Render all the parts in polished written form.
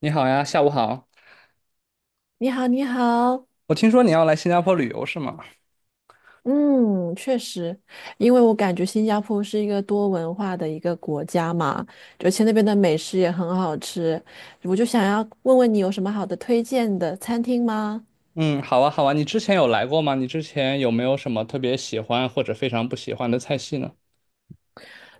你好呀，下午好。你好，你好，我听说你要来新加坡旅游是吗？嗯，确实，因为我感觉新加坡是一个多文化的一个国家嘛，而且那边的美食也很好吃，我就想要问问你有什么好的推荐的餐厅吗？嗯，好啊，好啊。你之前有来过吗？你之前有没有什么特别喜欢或者非常不喜欢的菜系呢？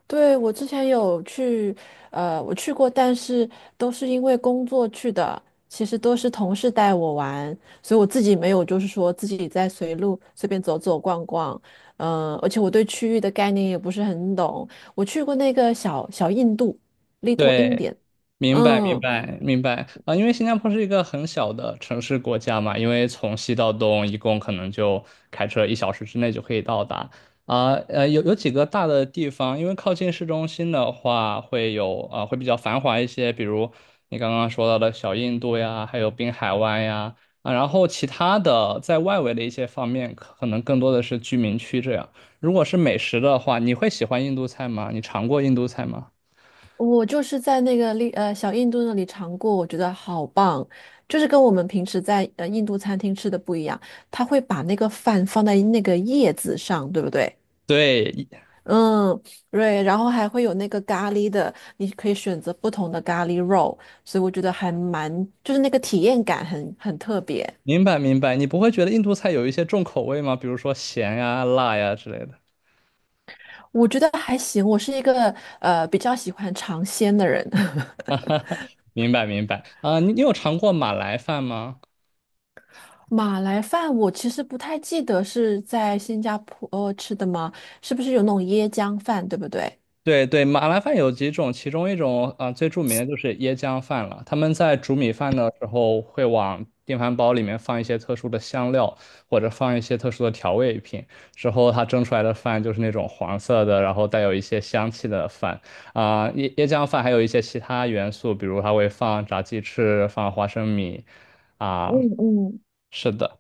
对，我之前有去，我去过，但是都是因为工作去的，其实都是同事带我玩，所以我自己没有，就是说自己在随路随便走走逛逛，而且我对区域的概念也不是很懂。我去过那个小印度 l i t 对，t。 明白明嗯，白明白啊，因为新加坡是一个很小的城市国家嘛，因为从西到东一共可能就开车1小时之内就可以到达啊，有几个大的地方，因为靠近市中心的话会有啊，会比较繁华一些，比如你刚刚说到的小印度呀，还有滨海湾呀啊，然后其他的在外围的一些方面，可能更多的是居民区这样。如果是美食的话，你会喜欢印度菜吗？你尝过印度菜吗？我就是在那个小印度那里尝过，我觉得好棒，就是跟我们平时在印度餐厅吃的不一样，他会把那个饭放在那个叶子上，对不对？对，嗯，对，然后还会有那个咖喱的，你可以选择不同的咖喱肉，所以我觉得还蛮，就是那个体验感很特别。明白明白，你不会觉得印度菜有一些重口味吗？比如说咸呀、辣呀之类的。我觉得还行，我是一个比较喜欢尝鲜的人。明白明白。啊、你有尝过马来饭吗？马来饭我其实不太记得是在新加坡吃的吗？是不是有那种椰浆饭，对不对？对对，马来饭有几种，其中一种啊、最著名的就是椰浆饭了。他们在煮米饭的时候，会往电饭煲里面放一些特殊的香料，或者放一些特殊的调味品。之后它蒸出来的饭就是那种黄色的，然后带有一些香气的饭啊、椰浆饭还有一些其他元素，比如它会放炸鸡翅，放花生米啊、嗯嗯，是的，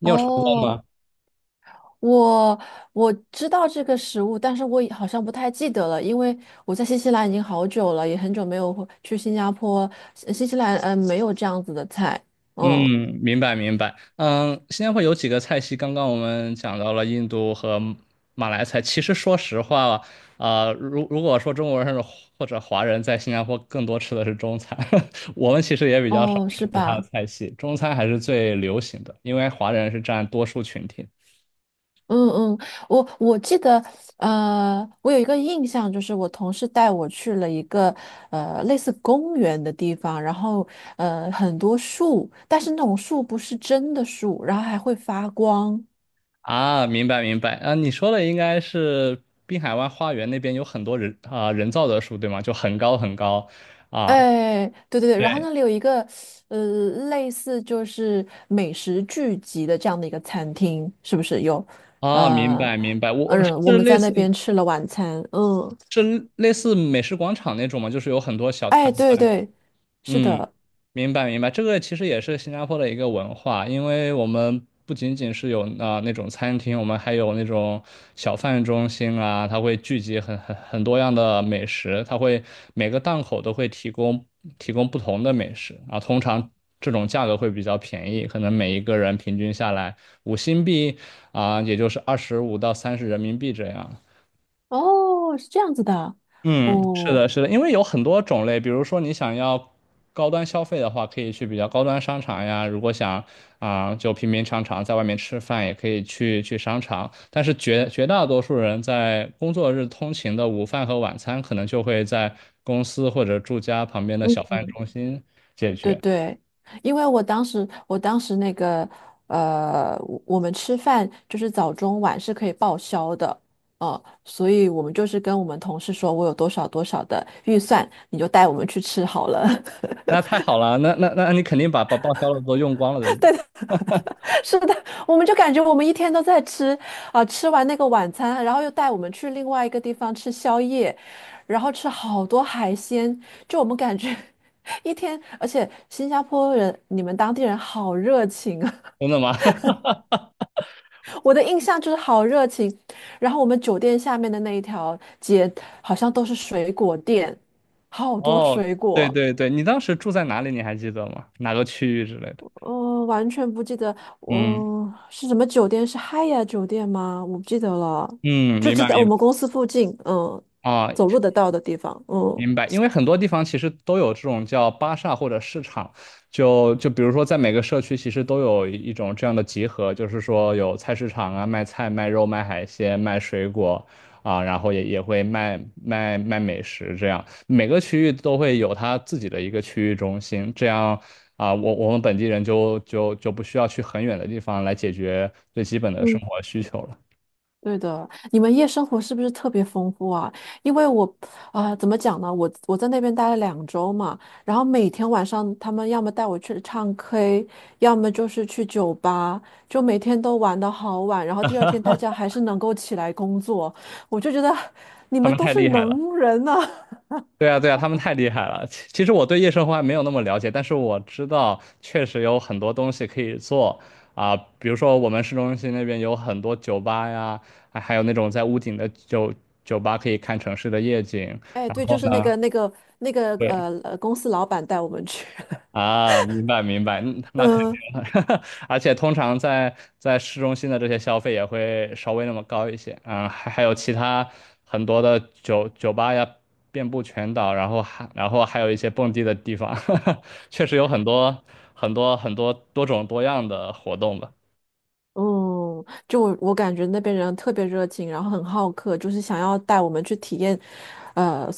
尿。有尝哦，我我知道这个食物，但是我也好像不太记得了，因为我在新西兰已经好久了，也很久没有回去新加坡。新西兰没有这样子的菜，嗯。嗯，明白明白。嗯，新加坡有几个菜系，刚刚我们讲到了印度和马来菜。其实说实话，啊，如果说中国人或者华人在新加坡更多吃的是中餐，我们其实也比较少哦，吃是其他的吧？菜系，中餐还是最流行的，因为华人是占多数群体。嗯嗯，我记得我有一个印象，就是我同事带我去了一个类似公园的地方，然后很多树，但是那种树不是真的树，然后还会发光。啊，明白明白。啊，你说的应该是滨海湾花园那边有很多人啊、人造的树，对吗？就很高很高啊。哎，对对对，然后那对。里有一个呃，类似就是美食聚集的这样的一个餐厅，是不是有？啊，明呃，白明白，我是嗯，我们类在那似。边吃了晚餐，嗯，是类似美食广场那种吗？就是有很多小哎，摊对贩。对，是嗯，的，明白明白，这个其实也是新加坡的一个文化，因为我们不仅仅是有啊、那种餐厅，我们还有那种小贩中心啊，它会聚集很多样的美食，它会每个档口都会提供不同的美食啊，通常这种价格会比较便宜，可能每一个人平均下来5新币啊、也就是25到30人民币这样。哦，是这样子的，嗯，是哦，的，是的，因为有很多种类，比如说你想要高端消费的话，可以去比较高端商场呀；如果想啊、就平平常常在外面吃饭，也可以去商场。但是绝大多数人在工作日通勤的午饭和晚餐，可能就会在公司或者住家旁边的小嗯。贩中心解对决。对，因为我当时那个我们吃饭就是早中晚是可以报销的，所以我们就是跟我们同事说，我有多少多少的预算，你就带我们去吃好了。那太好了，那你肯定把报销的都用光了，对不 对对，是的，我们就感觉我们一天都在吃吃完那个晚餐，然后又带我们去另外一个地方吃宵夜，然后吃好多海鲜，就我们感觉 一天，而且新加坡人你们当地人好热情啊。真的吗？我的印象就是好热情，然后我们酒店下面的那一条街好像都是水果店，好多哦，水对果。对对，你当时住在哪里？你还记得吗？哪个区域之类的？嗯、完全不记得嗯。我、是什么酒店，是 h y a 酒店吗？我不记得了，嗯，就明是白在我明白们公司附近，嗯，啊，走路得到的地方，嗯明白。因为很多地方其实都有这种叫巴萨或者市场，就比如说在每个社区其实都有一种这样的集合，就是说有菜市场啊，卖菜、卖肉、卖海鲜、卖水果啊，然后也会卖美食这样。每个区域都会有它自己的一个区域中心，这样啊，我们本地人就不需要去很远的地方来解决最基本的嗯。生活需求了。对的，你们夜生活是不是特别丰富啊？因为我，怎么讲呢？我在那边待了两周嘛，然后每天晚上他们要么带我去唱 K，要么就是去酒吧，就每天都玩得好晚，然后第二天大家还是能够起来工作，我就觉得你他们们都太是厉害了。能人呐、对啊，对啊，他们太厉害了。其实我对夜生活还没有那么了解，但是我知道确实有很多东西可以做啊、比如说我们市中心那边有很多酒吧呀，还有那种在屋顶的酒吧可以看城市的夜景。哎，然对，就后是那呢，个那个那个对。公司老板带我们去，啊，明白明白，那肯嗯。定 而且通常在市中心的这些消费也会稍微那么高一些，嗯，还有其他很多的酒吧呀，遍布全岛，然后还有一些蹦迪的地方，确实有很多多种多样的活动吧。嗯，就我感觉那边人特别热情，然后很好客，就是想要带我们去体验，呃，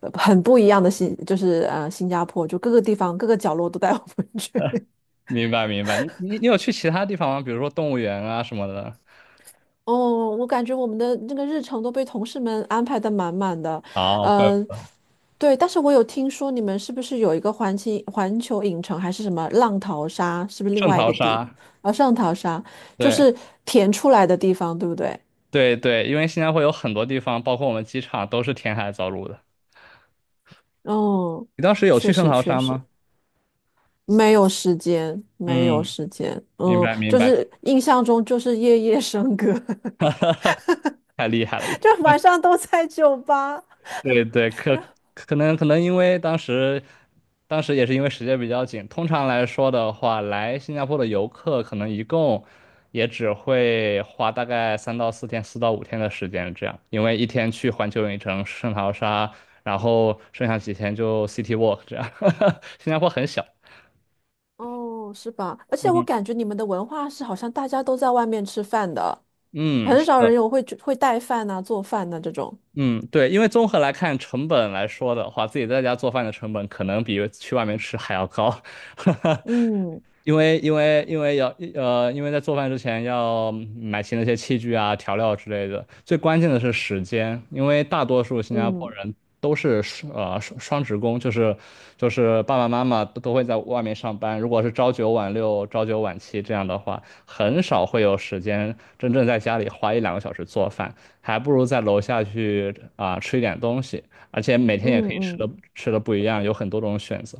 很不一样的新加坡，就各个地方各个角落都带我们去。明白明白，你有去其他地方吗？比如说动物园啊什么的。哦，我感觉我们的那个日程都被同事们安排的满满的，哦，怪不嗯，得对，但是我有听说你们是不是有一个环球影城还是什么浪淘沙，是不是另圣外一淘个地？沙，啊，上淘沙就对是填出来的地方，对不对？对对，因为新加坡有很多地方，包括我们机场都是填海造陆的。哦，你当时有去确圣实淘确沙实。吗？没有时间，没有嗯，时间。明嗯，白明就白，是印象中就是夜夜笙歌，太厉害了。就晚上都在酒吧。对对，可能因为当时，当时也是因为时间比较紧。通常来说的话，来新加坡的游客可能一共也只会花大概3到4天、4到5天的时间这样，因为一天去环球影城、圣淘沙，然后剩下几天就 City Walk 这样。新加坡很小，哦，是吧？而且我嗯，感觉你们的文化是好像大家都在外面吃饭的，嗯，很是少的。人有会带饭呐、做饭呐、这种。嗯，对，因为综合来看，成本来说的话，自己在家做饭的成本可能比去外面吃还要高，嗯 因为要因为在做饭之前要买齐那些器具啊、调料之类的。最关键的是时间，因为大多数新加坡嗯人都是双职工，就是爸爸妈妈都会在外面上班。如果是朝九晚六、朝九晚七这样的话，很少会有时间真正在家里花一两个小时做饭。还不如在楼下去啊、吃一点东西，而且每嗯天也可以吃嗯，的吃的不一样，有很多种选择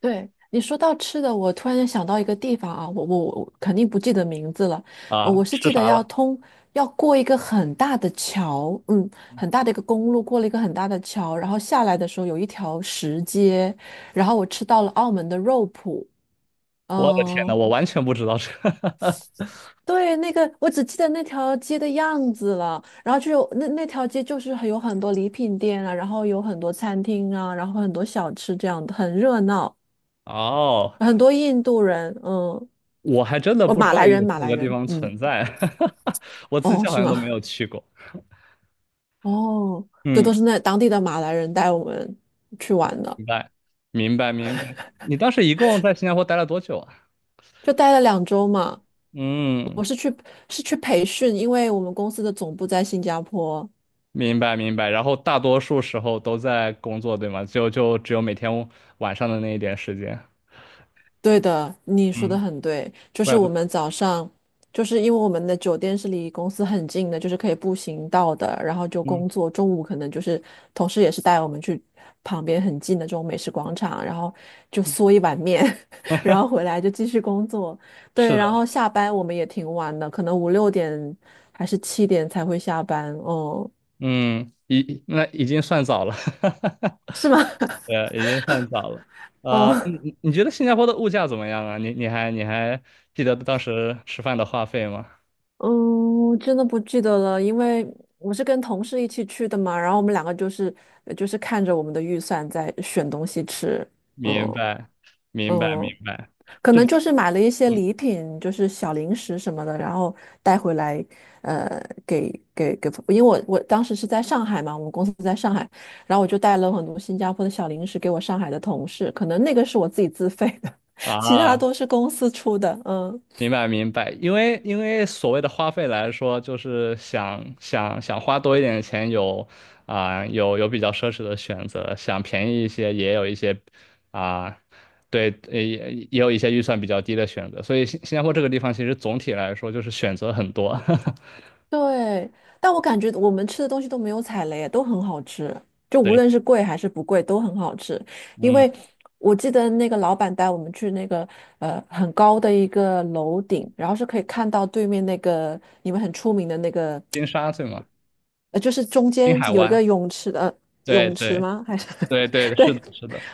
对，你说到吃的，我突然间想到一个地方啊，我我肯定不记得名字了，啊。我是吃记得啥要了？通要过一个很大的桥，嗯，很大的一个公路，过了一个很大的桥，然后下来的时候有一条石阶，然后我吃到了澳门的肉脯，我的天呐，嗯，我完全不知道这。对，那个我只记得那条街的样子了，然后就有那那条街就是有很多礼品店啊，然后有很多餐厅啊，然后很多小吃这样的，很热闹，哦，很多印度人，嗯。我还真的哦，不知马道来人，有这马么来个地人，方嗯，存在，我自哦，己好是像都没吗？有去过。哦，这都嗯，是那当地的马来人带我们去玩的，明白，明白，明白。你当时一共在新加坡待了多久啊？就待了两周嘛。我嗯，是去是去培训，因为我们公司的总部在新加坡，明白明白。然后大多数时候都在工作，对吗？就只有每天晚上的那一点时间。对的，你说的嗯，很对，就是怪不我得。们早上，就是因为我们的酒店是离公司很近的，就是可以步行到的，然后就嗯。工作。中午可能就是同事也是带我们去旁边很近的这种美食广场，然后就嗦 一碗面，然后回来就继续工作。对，是的，然后下班我们也挺晚的，可能五六点还是七点才会下班。哦嗯，已经算早了，对啊，已经算早了。哦。你 你你觉得新加坡的物价怎么样啊？你还记得当时吃饭的话费吗？嗯，我真的不记得了，因为我是跟同事一起去的嘛，然后我们两个就是就是看着我们的预算在选东西吃，明嗯白，明白，明嗯，白，可这能个，就是买了一些嗯礼品，就是小零食什么的，然后带回来，给，因为我当时是在上海嘛，我们公司在上海，然后我就带了很多新加坡的小零食给我上海的同事，可能那个是我自己自费的，其他啊，都是公司出的，嗯。明白明白，因为所谓的花费来说，就是想花多一点的钱有，啊、有比较奢侈的选择，想便宜一些也有一些，啊、对，也有一些预算比较低的选择，所以新加坡这个地方其实总体来说就是选择很多，对，但我感觉我们吃的东西都没有踩雷，都很好吃，就无对，论是贵还是不贵都很好吃。因嗯，为我记得那个老板带我们去那个很高的一个楼顶，然后是可以看到对面那个你们很出名的那个，金沙对吗？就是中滨间海有一个湾，泳池的、对泳池对吗？还是 对 对，是的对，是的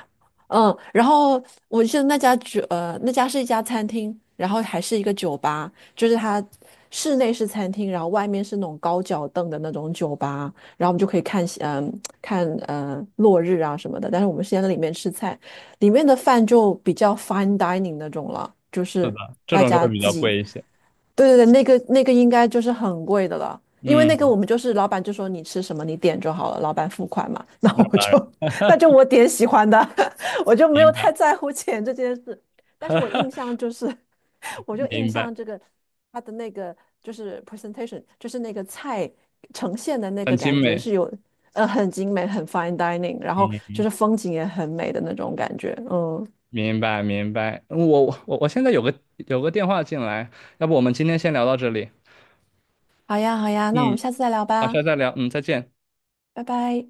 嗯，然后我记得那家是一家餐厅，然后还是一个酒吧，就是它室内是餐厅，然后外面是那种高脚凳的那种酒吧，然后我们就可以看夕嗯、看落日啊什么的。但是我们是在里面吃菜，里面的饭就比较 fine dining 那种了，就是是的，这大种就家会比自较己贵一些，对对对，那个那个应该就是很贵的了，因为那个我嗯，们就是老板就说你吃什么你点就好了，老板付款嘛，那那我当然，就 那就 我点喜欢的，我就没有明太白 在乎钱这件事。但是我印 象就是，我就印明白，象这个他的那个就是 presentation，就是那个菜呈现的那很个精感觉美。是有很精美，很 fine dining，然后嗯，就是风景也很美的那种感觉。嗯，明白明白。嗯我现在有个电话进来，要不我们今天先聊到这里。好呀好呀，那我嗯，们下次再聊好，下吧，次再聊。嗯，再见。拜拜。